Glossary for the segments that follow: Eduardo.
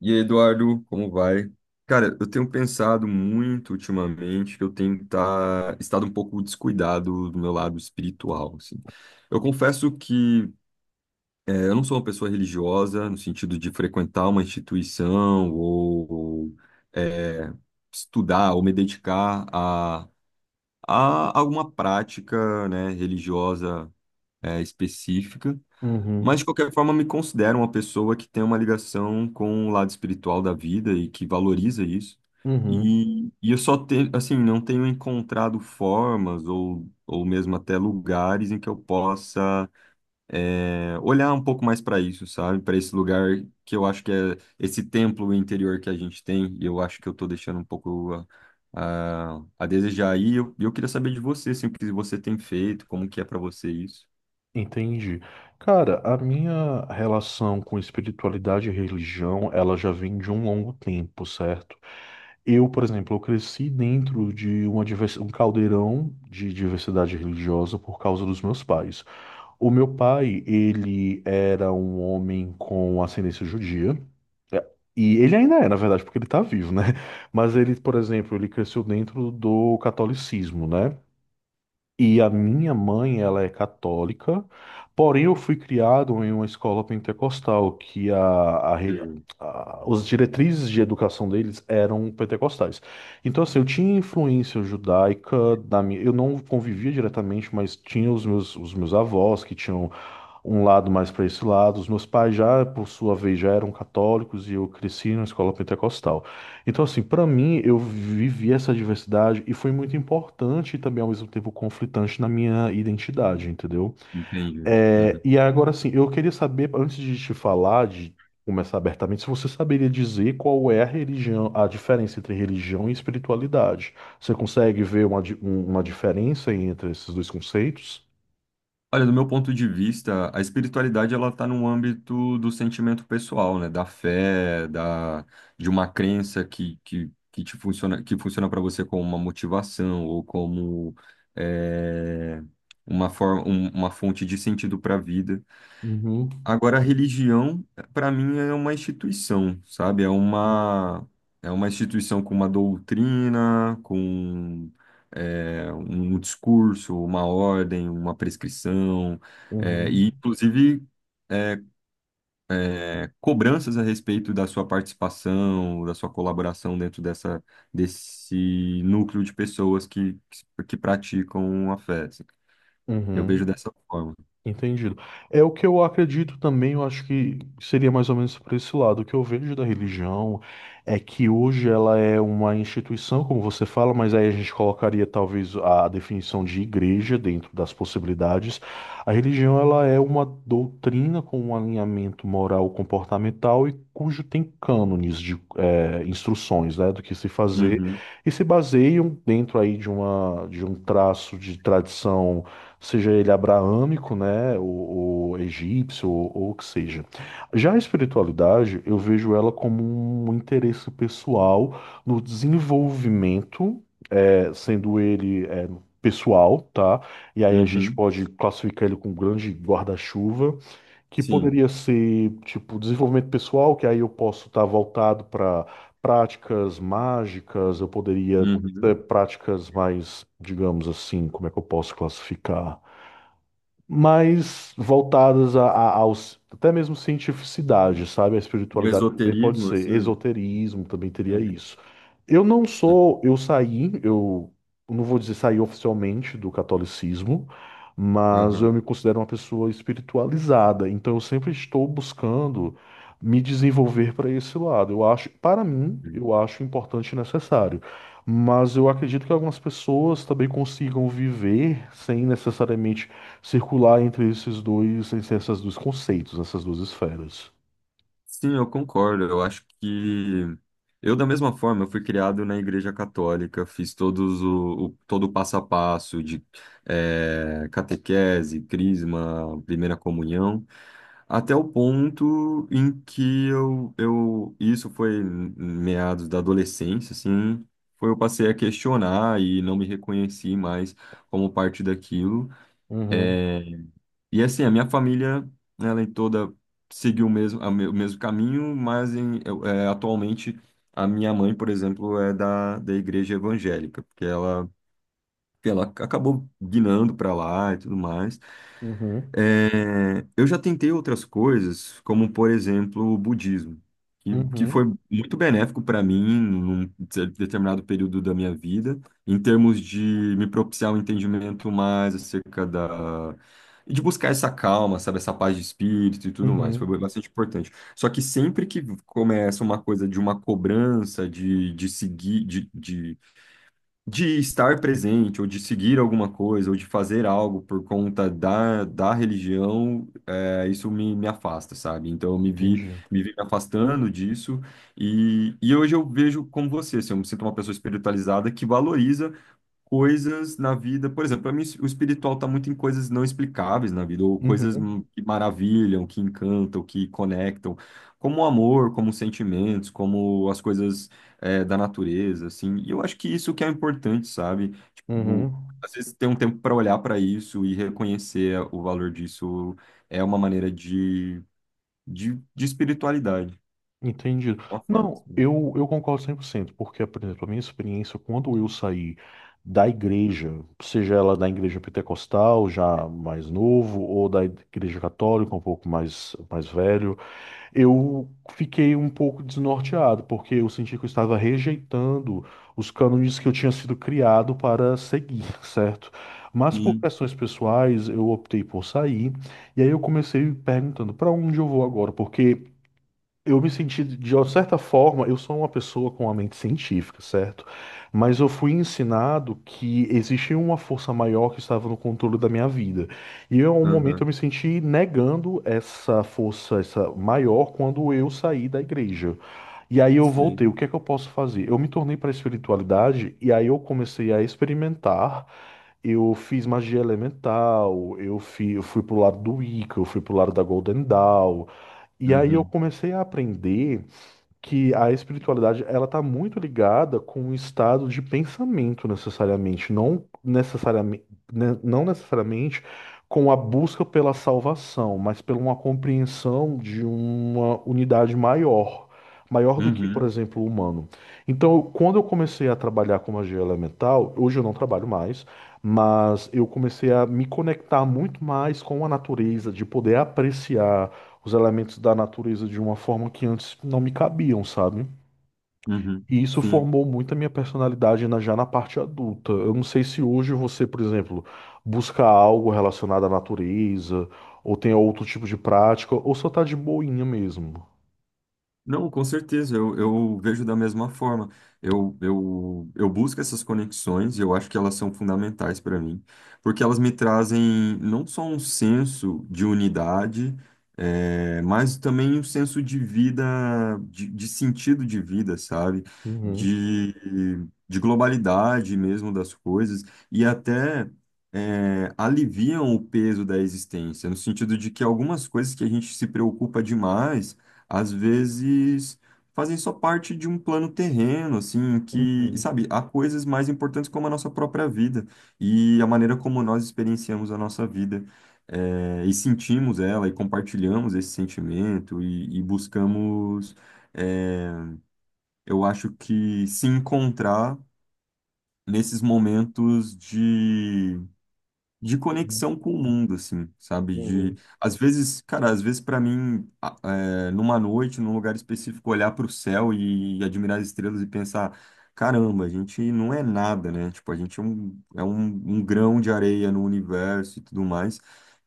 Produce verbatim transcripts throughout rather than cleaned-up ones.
E aí, Eduardo, como vai? Cara, eu tenho pensado muito ultimamente que eu tenho tá, estado um pouco descuidado do meu lado espiritual, assim. Eu confesso que eh, eu não sou uma pessoa religiosa no sentido de frequentar uma instituição ou eh, estudar ou me dedicar a, a alguma prática, né, religiosa eh, específica. Uhum, Mas, de qualquer forma, me considero uma pessoa que tem uma ligação com o lado espiritual da vida e que valoriza isso. uhum, E, e eu só tenho, assim, não tenho encontrado formas ou, ou mesmo até lugares em que eu possa é, olhar um pouco mais para isso, sabe? Para esse lugar que eu acho que é esse templo interior que a gente tem. E eu acho que eu estou deixando um pouco a, a, a desejar. Aí. E eu, eu queria saber de você, assim, o que você tem feito, como que é para você isso. entendi. Cara, a minha relação com espiritualidade e religião, ela já vem de um longo tempo, certo? Eu, por exemplo, eu cresci dentro de uma divers... um caldeirão de diversidade religiosa por causa dos meus pais. O meu pai, ele era um homem com ascendência judia. É, E ele ainda é, na verdade, porque ele tá vivo, né? Mas ele, por exemplo, ele cresceu dentro do catolicismo, né? E a minha mãe, ela é católica, porém eu fui criado em uma escola pentecostal, que a, a, re- Hum. a- os diretrizes de educação deles eram pentecostais. Então, assim, eu tinha influência judaica da minha, eu não convivia diretamente, mas tinha os meus, os meus avós que tinham um lado mais para esse lado. Os meus pais já, por sua vez, já eram católicos e eu cresci na escola pentecostal. Então, assim, para mim, eu vivi essa diversidade e foi muito importante e também, ao mesmo tempo, conflitante na minha identidade, entendeu? Entendi. É, Uhum. E agora, assim, eu queria saber, antes de te falar, de começar abertamente, se você saberia dizer qual é a religião, a diferença entre religião e espiritualidade. Você consegue ver uma, di- um- uma diferença entre esses dois conceitos? Olha, do meu ponto de vista, a espiritualidade ela está no âmbito do sentimento pessoal, né? Da fé, da, de uma crença que, que, que te funciona, que funciona para você como uma motivação ou como é, uma forma, um- uma fonte de sentido para a vida. Uhum. Agora, a religião, para mim, é uma instituição, sabe? É uma, é uma instituição com uma doutrina, com é, um discurso, uma ordem, uma prescrição, é, e, Uhum. inclusive, é, é, cobranças a respeito da sua participação, da sua colaboração dentro dessa, desse núcleo de pessoas que, que praticam a fé. Assim. Eu vejo Uhum, dessa forma. entendido. É o que eu acredito também, eu acho que seria mais ou menos por esse lado. O que eu vejo da religião é que hoje ela é uma instituição, como você fala, mas aí a gente colocaria talvez a definição de igreja dentro das possibilidades. A religião ela é uma doutrina com um alinhamento moral comportamental e cujo tem cânones de eh, instruções, né, do que se fazer Uhum, e se baseiam dentro aí de uma de um traço de tradição, seja ele abraâmico, né, ou, ou egípcio, ou, ou o que seja. Já a espiritualidade, eu vejo ela como um interesse pessoal no desenvolvimento, eh, sendo ele eh, pessoal, tá? E aí a gente uhum, pode classificar ele com um grande guarda-chuva, que sim. poderia ser, tipo, desenvolvimento pessoal, que aí eu posso estar voltado para práticas mágicas, eu poderia ter Uhum. práticas mais, digamos assim, como é que eu posso classificar? Mais voltadas a, a- aos até mesmo cientificidade, sabe? A De espiritualidade também pode esoterismo, ser, assim. esoterismo também É, teria isso. Eu não sim. sou, eu saí, eu não vou dizer saí oficialmente do catolicismo, mas eu Aham. me considero uma pessoa espiritualizada, então eu sempre estou buscando me desenvolver para esse lado. Eu acho, para mim, eu acho importante e necessário. Mas eu acredito que algumas pessoas também consigam viver sem necessariamente circular entre esses dois, entre esses dois conceitos, essas duas esferas. Sim, eu concordo. Eu acho que eu, da mesma forma, eu fui criado na Igreja Católica, fiz todos o, o- todo o passo a passo de eh, catequese, crisma, primeira comunhão, até o ponto em que eu, eu isso foi em meados da adolescência, assim, foi eu passei a questionar e não me reconheci mais como parte daquilo. Uhum, É, e assim, a minha família, ela em toda seguiu o mesmo, a me- o mesmo caminho, mas em, eu- é, atualmente a minha mãe, por exemplo, é da, da igreja evangélica, porque ela, ela acabou guinando para lá e tudo mais. uhum, É, eu já tentei outras coisas, como por exemplo o budismo, que, que foi uhum, muito benéfico para mim num de- determinado período da minha vida, em termos de me propiciar um entendimento mais acerca da. E de buscar essa calma, sabe, essa paz de espírito e tudo mais, foi uhum, bastante importante. Só que sempre que começa uma coisa de uma cobrança, de, de seguir, de de estar presente, ou de seguir alguma coisa, ou de fazer algo por conta da, da religião, é, isso me, me afasta, sabe? Então eu me vi, entendi. me vi me afastando disso, e, e hoje eu vejo como você, assim, eu me sinto uma pessoa espiritualizada que valoriza coisas na vida. Por exemplo, para mim o espiritual está muito em coisas não explicáveis na vida, ou coisas Uhum, m- que maravilham, que encantam, que conectam, como o amor, como os sentimentos, como as coisas é, da natureza, assim. E eu acho que isso que é importante, sabe? Tipo, uhum. às vezes ter um tempo para olhar para isso e reconhecer o valor disso é uma maneira de, de, de espiritualidade, Entendi. uma forma. Não, Assim. eu, eu concordo cem por cento porque, por exemplo, a minha experiência, quando eu saí da igreja, seja ela da igreja pentecostal, já mais novo, ou da igreja católica, um pouco mais, mais velho, eu fiquei um pouco desnorteado, porque eu senti que eu estava rejeitando os cânones que eu tinha sido criado para seguir, certo? Mas por Sim, questões pessoais, eu optei por sair, e aí eu comecei perguntando para onde eu vou agora, porque eu me senti, de uma certa forma, eu sou uma pessoa com a mente científica, certo? Mas eu fui ensinado que existia uma força maior que estava no controle da minha vida. E eu, em um momento eu aham, me senti negando essa força, essa maior, quando eu saí da igreja. E aí eu sim. voltei. O que é que eu posso fazer? Eu me tornei para a espiritualidade e aí eu comecei a experimentar. Eu fiz magia elemental, eu fui, eu fui pro lado do Wicca, eu fui pro lado da Golden Dawn. E aí eu Uhum, comecei a aprender que a espiritualidade ela está muito ligada com o estado de pensamento necessariamente, não necessariamente, não necessariamente com a busca pela salvação, mas pela uma compreensão de uma unidade maior, maior do que, por uhum, exemplo, o humano. Então, quando eu comecei a trabalhar com magia elemental, hoje eu não trabalho mais, mas eu comecei a me conectar muito mais com a natureza, de poder apreciar os elementos da natureza de uma forma que antes não me cabiam, sabe? uhum, E isso sim. formou muito a minha personalidade na- já na parte adulta. Eu não sei se hoje você, por exemplo, busca algo relacionado à natureza, ou tem outro tipo de prática, ou só tá de boinha mesmo. Não, com certeza, eu, eu vejo da mesma forma. Eu, eu, eu busco essas conexões e eu acho que elas são fundamentais para mim, porque elas me trazem não só um senso de unidade, eh, mas também um senso de vida, de, de sentido de vida, sabe? Uhum, De, de globalidade mesmo das coisas e até. Eh, aliviam o peso da existência, no sentido de que algumas coisas que a gente se preocupa demais às vezes fazem só parte de um plano terreno, assim, que, uhum, sabe, há coisas mais importantes como a nossa própria vida e a maneira como nós experienciamos a nossa vida. Eh, e sentimos ela e compartilhamos esse sentimento e, e buscamos, eh, eu acho que se encontrar nesses momentos de uhum, conexão com o mundo, assim, sabe? De, uhum, às vezes, cara, às vezes para mim, a- é, numa noite, num lugar específico, olhar para o céu e admirar as estrelas e pensar, caramba, a gente não é nada, né? Tipo, a gente é um, é um, um grão de areia no universo e tudo mais.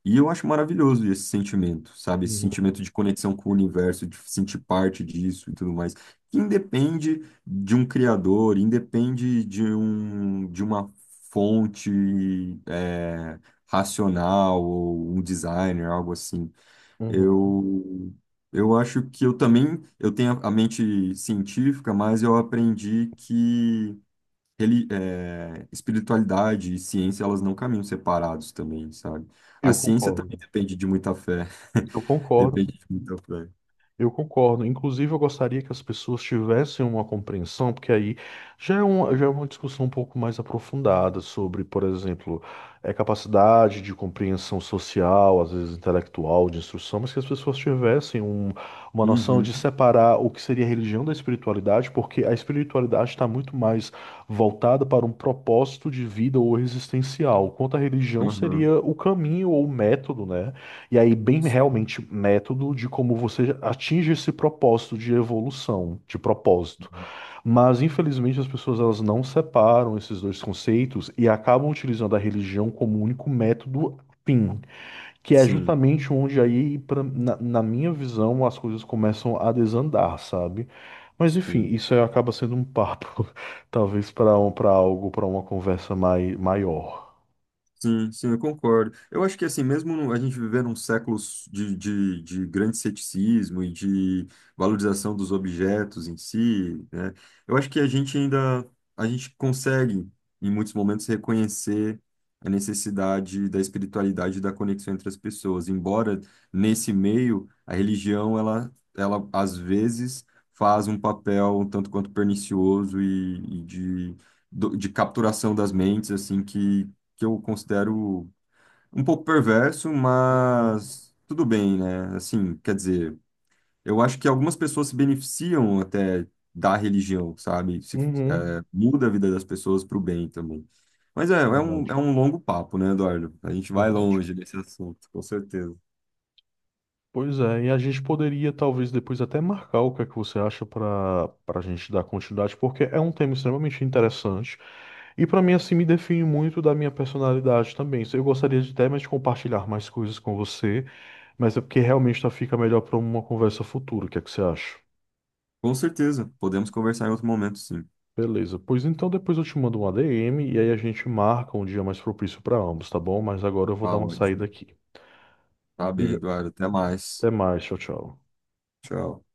E eu acho maravilhoso esse sentimento, sabe? Esse uhum, sentimento de conexão com o universo, de sentir parte disso e tudo mais. Que independe de um criador, independe de um, de uma fonte é, racional ou um designer, algo assim. uhum. Eu, eu acho que eu também eu tenho a mente científica, mas eu aprendi que ele é, espiritualidade e ciência elas não caminham separados também, sabe? Eu A ciência concordo. também depende de muita fé. Eu concordo. Depende de muita fé. Eu concordo. Inclusive, eu gostaria que as pessoas tivessem uma compreensão, porque aí já é uma, já é uma discussão um pouco mais aprofundada sobre, por exemplo, é capacidade de compreensão social, às vezes intelectual, de instrução, mas que as pessoas tivessem um- uma noção Uhum, de separar o que seria a religião da espiritualidade, porque a espiritualidade está muito mais voltada para um propósito de vida ou existencial, enquanto a religião uhum. seria o caminho ou o método, né? E aí, bem realmente método de como você atinge esse propósito de evolução, de propósito. Mas, infelizmente, as pessoas elas não separam esses dois conceitos e acabam utilizando a religião como um único método fim, que é Sim, justamente onde aí, pra- na, na minha visão, as coisas começam a desandar, sabe? Mas, enfim, sim. isso aí acaba sendo um papo, talvez para um, para algo, para uma conversa mai, maior. Sim, sim, eu concordo. Eu acho que assim, mesmo no- a gente vivendo um século de, de, de grande ceticismo e de valorização dos objetos em si, né? Eu acho que a gente ainda, a gente consegue, em muitos momentos, reconhecer a necessidade da espiritualidade e da conexão entre as pessoas. Embora nesse meio, a religião, ela, ela às vezes faz um papel um tanto quanto pernicioso e, e de, do- de capturação das mentes, assim, que eu considero um pouco perverso, Uhum. mas tudo bem, né? Assim, quer dizer, eu acho que algumas pessoas se beneficiam até da religião, sabe? Se, Uhum. é, muda a vida das pessoas para o bem também. Mas é, É é um, verdade, é um longo papo, né, Eduardo? A gente vai verdade. longe desse assunto, com certeza. Pois é, e a gente poderia talvez depois até marcar o que é que você acha para para a gente dar continuidade, porque é um tema extremamente interessante e para mim assim me define muito da minha personalidade também. Eu gostaria de até mais compartilhar mais coisas com você, mas é porque realmente tá- fica melhor para uma conversa futura. O que é que você acha? Com certeza, podemos conversar em outro momento, sim. Beleza, pois então depois eu te mando um A D M e aí a gente marca um dia mais propício para ambos, tá bom? Mas agora eu vou dar Tá uma saída ótimo. aqui. Tá bem, Obrigado. Eduardo, até mais. Até mais, tchau, tchau. Tchau.